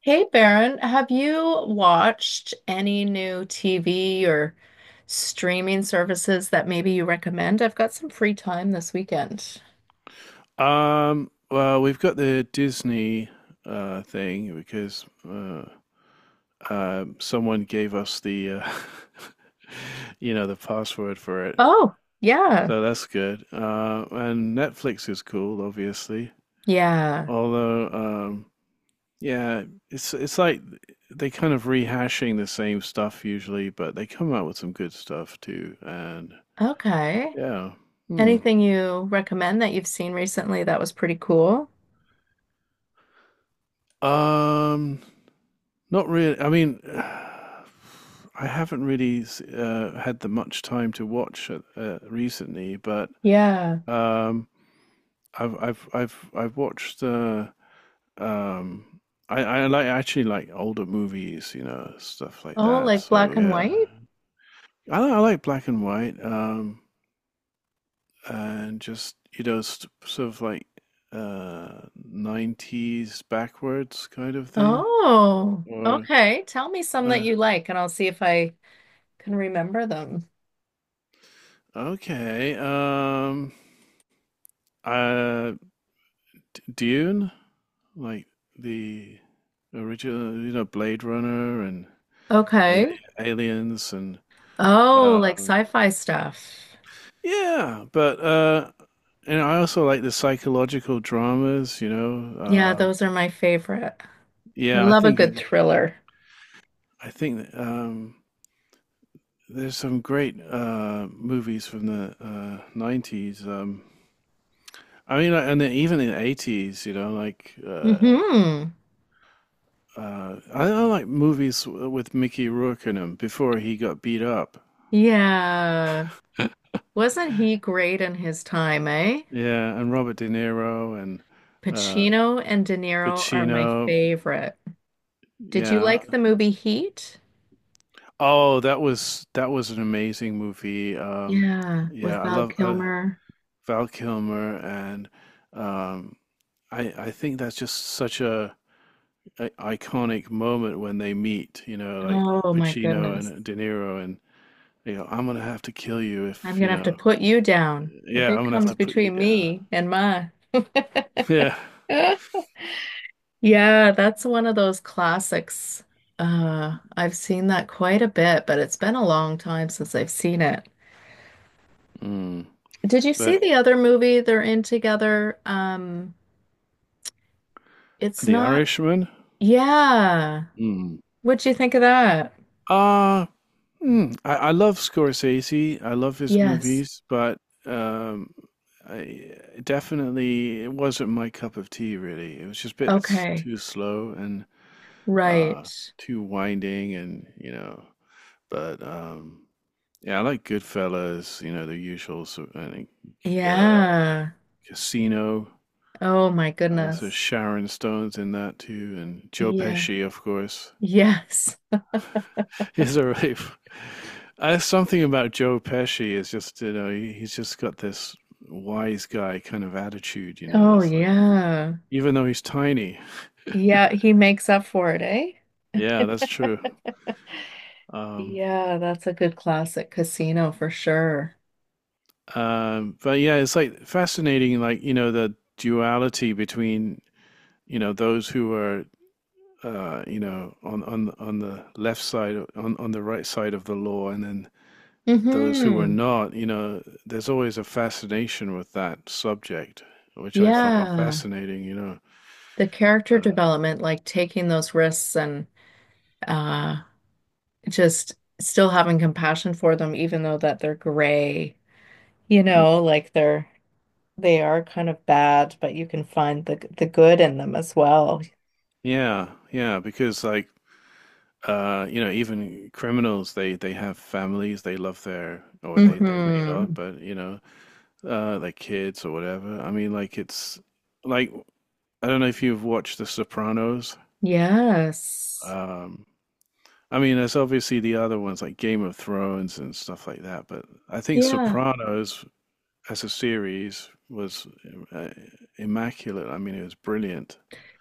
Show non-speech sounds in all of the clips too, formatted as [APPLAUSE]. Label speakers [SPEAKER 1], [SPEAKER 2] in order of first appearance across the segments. [SPEAKER 1] Hey Baron, have you watched any new TV or streaming services that maybe you recommend? I've got some free time this weekend.
[SPEAKER 2] Well, we've got the Disney thing because someone gave us the, [LAUGHS] the password for it.
[SPEAKER 1] Oh, yeah.
[SPEAKER 2] So that's good. And Netflix is cool, obviously.
[SPEAKER 1] Yeah.
[SPEAKER 2] Although, yeah, it's like they kind of rehashing the same stuff usually, but they come out with some good stuff too. And
[SPEAKER 1] Okay.
[SPEAKER 2] yeah, hmm.
[SPEAKER 1] Anything you recommend that you've seen recently that was pretty cool?
[SPEAKER 2] Um, Not really. I mean, [SIGHS] I haven't really had the much time to watch recently, but
[SPEAKER 1] Yeah.
[SPEAKER 2] um, I've watched. Um, I like actually like older movies, you know, stuff like
[SPEAKER 1] Oh,
[SPEAKER 2] that.
[SPEAKER 1] like
[SPEAKER 2] So
[SPEAKER 1] black and
[SPEAKER 2] yeah,
[SPEAKER 1] white?
[SPEAKER 2] I like black and white, and just you know, sort of like uh 90s backwards kind of thing.
[SPEAKER 1] Oh,
[SPEAKER 2] Or
[SPEAKER 1] okay. Tell me some that
[SPEAKER 2] uh,
[SPEAKER 1] you like and I'll see if I can remember them.
[SPEAKER 2] okay, Uh, Dune, like the original, you know, Blade Runner and Ali-
[SPEAKER 1] Okay.
[SPEAKER 2] Aliens, and
[SPEAKER 1] Oh, like
[SPEAKER 2] um,
[SPEAKER 1] sci-fi stuff.
[SPEAKER 2] yeah, but and I also like the psychological dramas, you know.
[SPEAKER 1] Yeah,
[SPEAKER 2] Um,
[SPEAKER 1] those are my favorite. I
[SPEAKER 2] yeah,
[SPEAKER 1] love a good thriller.
[SPEAKER 2] I think there's some great movies from the 90s. I mean, like, and then even in the 80s, you know, like uh,
[SPEAKER 1] Hmm.
[SPEAKER 2] Uh, I, I like movies with Mickey Rourke in them before he got beat up.
[SPEAKER 1] Yeah. Wasn't he great in his time, eh?
[SPEAKER 2] Yeah, and Robert De Niro and uh,
[SPEAKER 1] Pacino and De Niro are my
[SPEAKER 2] Pacino.
[SPEAKER 1] favorite. Did you
[SPEAKER 2] Yeah.
[SPEAKER 1] like the movie Heat?
[SPEAKER 2] Oh, that was an amazing movie.
[SPEAKER 1] Yeah,
[SPEAKER 2] Yeah,
[SPEAKER 1] with
[SPEAKER 2] I
[SPEAKER 1] Val
[SPEAKER 2] love
[SPEAKER 1] Kilmer.
[SPEAKER 2] Val Kilmer, and um, I think that's just such a iconic moment when they meet. You know, like
[SPEAKER 1] Oh my
[SPEAKER 2] Pacino
[SPEAKER 1] goodness.
[SPEAKER 2] and De Niro, and you know, I'm gonna have to kill you
[SPEAKER 1] I'm
[SPEAKER 2] if you
[SPEAKER 1] gonna have to
[SPEAKER 2] know.
[SPEAKER 1] put you down if
[SPEAKER 2] Yeah,
[SPEAKER 1] it
[SPEAKER 2] I'm gonna have
[SPEAKER 1] comes
[SPEAKER 2] to put you
[SPEAKER 1] between
[SPEAKER 2] down.
[SPEAKER 1] me and mine.
[SPEAKER 2] [LAUGHS]
[SPEAKER 1] [LAUGHS]
[SPEAKER 2] Yeah.
[SPEAKER 1] Yeah, that's one of those classics. I've seen that quite a bit, but it's been a long time since I've seen it.
[SPEAKER 2] Mm.
[SPEAKER 1] Did you see
[SPEAKER 2] But
[SPEAKER 1] the other movie they're in together? It's
[SPEAKER 2] The
[SPEAKER 1] not.
[SPEAKER 2] Irishman.
[SPEAKER 1] Yeah.
[SPEAKER 2] Mm.
[SPEAKER 1] What'd you think of that?
[SPEAKER 2] uh, I love Scorsese. I love his
[SPEAKER 1] Yes.
[SPEAKER 2] movies, but um, I definitely it wasn't my cup of tea. Really, it was just a bit
[SPEAKER 1] Okay.
[SPEAKER 2] too slow and uh,
[SPEAKER 1] Right.
[SPEAKER 2] too winding, and you know. But yeah, I like Goodfellas. You know, the usual. So I think uh,
[SPEAKER 1] Yeah.
[SPEAKER 2] Casino.
[SPEAKER 1] Oh my
[SPEAKER 2] So
[SPEAKER 1] goodness.
[SPEAKER 2] Sharon Stone's in that too, and Joe
[SPEAKER 1] Yeah.
[SPEAKER 2] Pesci, of course.
[SPEAKER 1] Yes.
[SPEAKER 2] [LAUGHS] He's a rave. Something about Joe Pesci is just you know he's just got this wise guy kind of attitude. You know,
[SPEAKER 1] Oh
[SPEAKER 2] it's like
[SPEAKER 1] yeah.
[SPEAKER 2] even though he's tiny.
[SPEAKER 1] Yeah, he makes up for it, eh?
[SPEAKER 2] Yeah, that's true. Um,
[SPEAKER 1] Yeah, that's a good classic casino for sure.
[SPEAKER 2] but yeah, it's like fascinating. Like you know the duality between you know those who are you know on the left side on the right side of the law, and then those who are
[SPEAKER 1] Mm-hmm.
[SPEAKER 2] not, you know, there's always a fascination with that subject, which I find
[SPEAKER 1] Yeah.
[SPEAKER 2] fascinating, you know.
[SPEAKER 1] The character
[SPEAKER 2] Uh,
[SPEAKER 1] development, like taking those risks and uh just still having compassion for them, even though that they're gray, you
[SPEAKER 2] mm,
[SPEAKER 1] know, like they are kind of bad, but you can find the good in them as well.
[SPEAKER 2] yeah, yeah, because like you know, even criminals, they have families, they love their, or they may not,
[SPEAKER 1] Mm-hmm.
[SPEAKER 2] but you know, like kids or whatever. I mean, like it's like I don't know if you've watched The Sopranos.
[SPEAKER 1] Yes.
[SPEAKER 2] Um, I mean, there's obviously the other ones like Game of Thrones and stuff like that, but I think
[SPEAKER 1] Yeah,
[SPEAKER 2] Sopranos as a series was uh, immaculate. I mean, it was brilliant.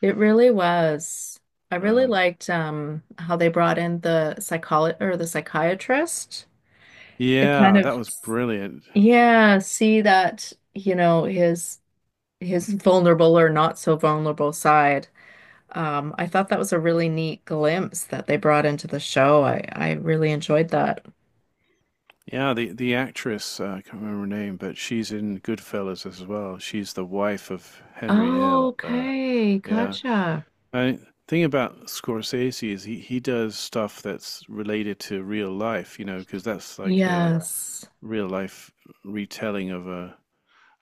[SPEAKER 1] it really was. I really
[SPEAKER 2] Uh,
[SPEAKER 1] liked how they brought in the psycholo or the psychiatrist to kind
[SPEAKER 2] yeah,
[SPEAKER 1] of—
[SPEAKER 2] that was brilliant.
[SPEAKER 1] Yeah, see that, you know, his vulnerable or not so vulnerable side. I thought that was a really neat glimpse that they brought into the show. I really enjoyed that.
[SPEAKER 2] Yeah, the actress I can't remember her name, but she's in Goodfellas as well. She's the wife of Henry
[SPEAKER 1] Oh,
[SPEAKER 2] Hill.
[SPEAKER 1] okay,
[SPEAKER 2] Yeah,
[SPEAKER 1] gotcha.
[SPEAKER 2] I the thing about Scorsese is he does stuff that's related to real life, you know, because that's like a
[SPEAKER 1] Yes.
[SPEAKER 2] real life retelling of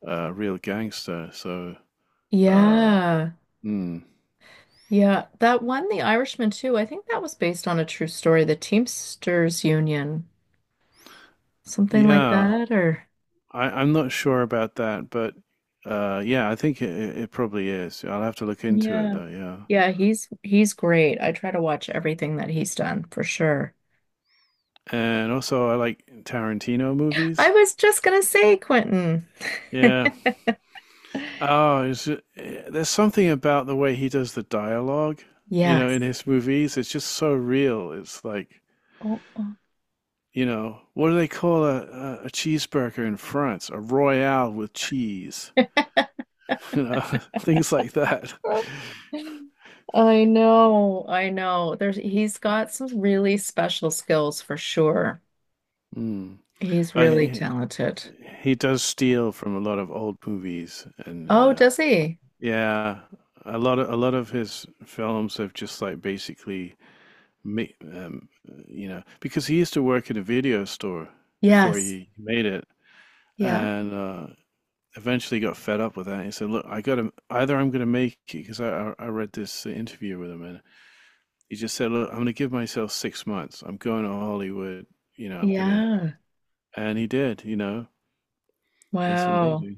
[SPEAKER 2] a real gangster. So um,
[SPEAKER 1] Yeah.
[SPEAKER 2] mm,
[SPEAKER 1] Yeah, that one, The Irishman too. I think that was based on a true story, the Teamsters Union, something like
[SPEAKER 2] yeah,
[SPEAKER 1] that or
[SPEAKER 2] I'm not sure about that, but yeah, I think it probably is. I'll have to look into it
[SPEAKER 1] yeah.
[SPEAKER 2] though. Yeah,
[SPEAKER 1] Yeah, he's great. I try to watch everything that he's done for sure.
[SPEAKER 2] and also I like Tarantino
[SPEAKER 1] I
[SPEAKER 2] movies.
[SPEAKER 1] was just gonna say, Quentin.
[SPEAKER 2] Yeah.
[SPEAKER 1] [LAUGHS]
[SPEAKER 2] Oh, is there's something about the way he does the dialogue. You know, in
[SPEAKER 1] Yes.
[SPEAKER 2] his movies, it's just so real. It's like,
[SPEAKER 1] Oh, oh.
[SPEAKER 2] you know, what do they call a cheeseburger in France? A royale with cheese.
[SPEAKER 1] [LAUGHS]
[SPEAKER 2] [LAUGHS] You know, [LAUGHS] things like that.
[SPEAKER 1] I know, I know. There's— he's got some really special skills for sure.
[SPEAKER 2] Mm.
[SPEAKER 1] He's
[SPEAKER 2] But
[SPEAKER 1] really talented.
[SPEAKER 2] he does steal from a lot of old movies and
[SPEAKER 1] Oh, does he?
[SPEAKER 2] yeah a lot of his films have just like basically mi- um you know because he used to work at a video store before
[SPEAKER 1] Yes.
[SPEAKER 2] he made it
[SPEAKER 1] Yeah.
[SPEAKER 2] and eventually got fed up with that. He said, look, I gotta either, I'm gonna make it because I read this interview with him and he just said, look, I'm gonna give myself 6 months. I'm going to Hollywood, you know. I'm gonna,
[SPEAKER 1] Yeah.
[SPEAKER 2] and he did, you know. It's
[SPEAKER 1] Wow.
[SPEAKER 2] amazing.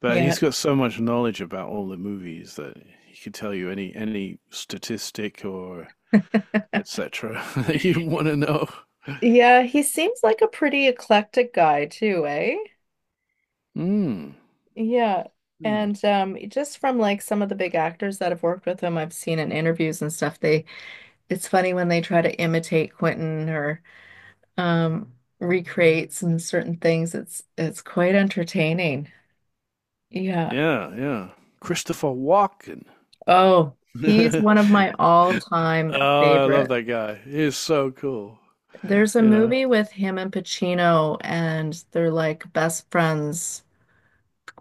[SPEAKER 2] But
[SPEAKER 1] Yeah.
[SPEAKER 2] he's got so much knowledge about all the movies that he could tell you any statistic or etc. [LAUGHS] that you want to know.
[SPEAKER 1] Yeah, he seems like a pretty eclectic guy too, eh?
[SPEAKER 2] Mm.
[SPEAKER 1] Yeah.
[SPEAKER 2] Yeah,
[SPEAKER 1] And just from like some of the big actors that have worked with him, I've seen in interviews and stuff, they— it's funny when they try to imitate Quentin or um, recreate some certain things. It's quite entertaining. Yeah.
[SPEAKER 2] yeah. Christopher Walken.
[SPEAKER 1] Oh, he's one
[SPEAKER 2] [LAUGHS]
[SPEAKER 1] of my all-time
[SPEAKER 2] Oh, I love
[SPEAKER 1] favorite.
[SPEAKER 2] that guy. He's so cool.
[SPEAKER 1] There's a
[SPEAKER 2] You know.
[SPEAKER 1] movie with him and Pacino, and they're like best friends.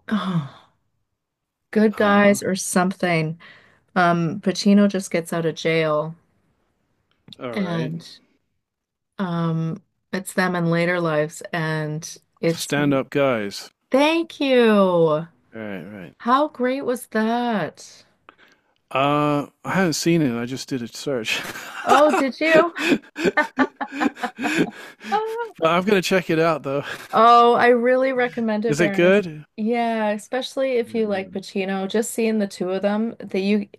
[SPEAKER 1] Oh, good
[SPEAKER 2] Uh-huh.
[SPEAKER 1] guys or something. Pacino just gets out of jail,
[SPEAKER 2] All right.
[SPEAKER 1] and um, it's them in later lives, and it's—
[SPEAKER 2] Stand up guys.
[SPEAKER 1] thank you.
[SPEAKER 2] All right, right.
[SPEAKER 1] How great was that?
[SPEAKER 2] I haven't seen it. I just did a search.
[SPEAKER 1] Oh,
[SPEAKER 2] [LAUGHS]
[SPEAKER 1] did you?
[SPEAKER 2] But
[SPEAKER 1] [LAUGHS]
[SPEAKER 2] I'm gonna check it out though. [LAUGHS]
[SPEAKER 1] Oh, I really recommend it,
[SPEAKER 2] Is it
[SPEAKER 1] Baroness.
[SPEAKER 2] good?
[SPEAKER 1] Yeah, especially if
[SPEAKER 2] Yeah,
[SPEAKER 1] you like
[SPEAKER 2] yeah.
[SPEAKER 1] Pacino, just seeing the two of them, that you—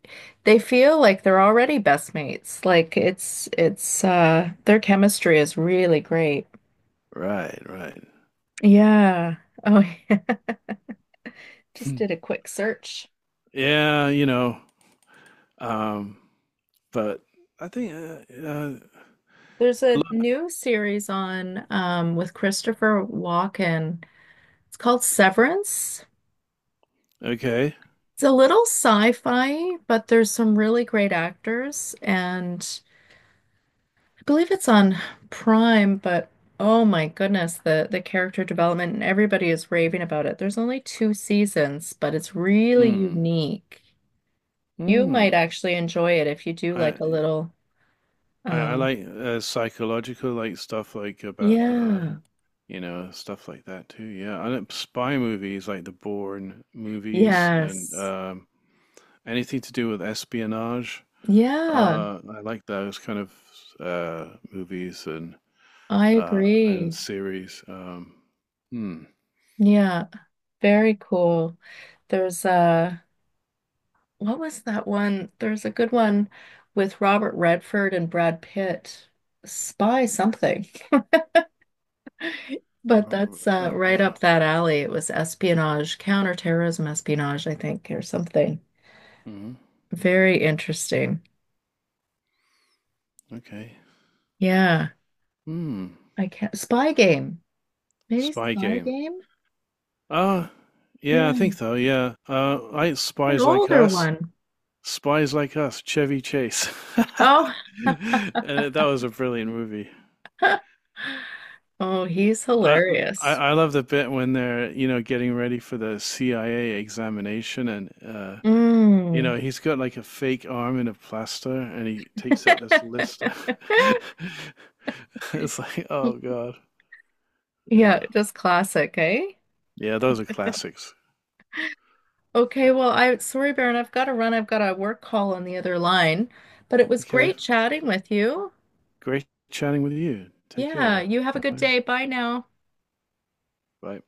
[SPEAKER 1] they feel like they're already best mates. Like it's their chemistry is really great.
[SPEAKER 2] Right, right.
[SPEAKER 1] Yeah. Oh, [LAUGHS] yeah. Just did a
[SPEAKER 2] [LAUGHS]
[SPEAKER 1] quick search.
[SPEAKER 2] yeah, you know. Um, but I think
[SPEAKER 1] There's
[SPEAKER 2] I
[SPEAKER 1] a
[SPEAKER 2] love,
[SPEAKER 1] new series on with Christopher Walken. It's called Severance.
[SPEAKER 2] okay.
[SPEAKER 1] It's a little sci-fi, but there's some really great actors, and I believe it's on Prime, but oh my goodness, the character development and everybody is raving about it. There's only two seasons, but it's really
[SPEAKER 2] Mm,
[SPEAKER 1] unique. You might
[SPEAKER 2] mm.
[SPEAKER 1] actually enjoy it if you do
[SPEAKER 2] I,
[SPEAKER 1] like a little
[SPEAKER 2] I
[SPEAKER 1] uh
[SPEAKER 2] like psychological like stuff like about
[SPEAKER 1] yeah.
[SPEAKER 2] you know stuff like that too. Yeah, I like spy movies like the Bourne movies and
[SPEAKER 1] Yes.
[SPEAKER 2] anything to do with espionage.
[SPEAKER 1] Yeah,
[SPEAKER 2] I like those kind of movies
[SPEAKER 1] I
[SPEAKER 2] and
[SPEAKER 1] agree.
[SPEAKER 2] series. Hmm.
[SPEAKER 1] Yeah, very cool. There's uh— what was that one? There's a good one with Robert Redford and Brad Pitt. Spy something. [LAUGHS] But
[SPEAKER 2] Um,
[SPEAKER 1] that's right
[SPEAKER 2] Uh,
[SPEAKER 1] up that alley. It was espionage, counterterrorism espionage, I think, or something.
[SPEAKER 2] hmm.
[SPEAKER 1] Very interesting.
[SPEAKER 2] Okay.
[SPEAKER 1] Yeah.
[SPEAKER 2] Hmm.
[SPEAKER 1] I can't. Spy Game. Maybe
[SPEAKER 2] Spy
[SPEAKER 1] Spy
[SPEAKER 2] game.
[SPEAKER 1] Game?
[SPEAKER 2] Ah, uh, yeah, I think
[SPEAKER 1] Yeah.
[SPEAKER 2] so. Yeah. I like
[SPEAKER 1] An
[SPEAKER 2] spies like
[SPEAKER 1] older
[SPEAKER 2] us.
[SPEAKER 1] one.
[SPEAKER 2] Spies like us. Chevy Chase. [LAUGHS]
[SPEAKER 1] Oh. [LAUGHS]
[SPEAKER 2] and that was a brilliant movie.
[SPEAKER 1] Oh, he's
[SPEAKER 2] I, I
[SPEAKER 1] hilarious.
[SPEAKER 2] I love the bit when they're you know getting ready for the CIA examination and you
[SPEAKER 1] Mm.
[SPEAKER 2] know, he's got like a fake arm in a plaster and he takes out this list.
[SPEAKER 1] [LAUGHS]
[SPEAKER 2] [LAUGHS] It's like, oh God. Yeah.
[SPEAKER 1] Yeah, just classic, eh?
[SPEAKER 2] Yeah, those are classics.
[SPEAKER 1] Okay, well, I— sorry, Baron, I've got to run. I've got a work call on the other line, but it was
[SPEAKER 2] Okay.
[SPEAKER 1] great chatting with you.
[SPEAKER 2] Great chatting with you. Take
[SPEAKER 1] Yeah,
[SPEAKER 2] care.
[SPEAKER 1] you have a good
[SPEAKER 2] Bye.
[SPEAKER 1] day. Bye now.
[SPEAKER 2] Bye.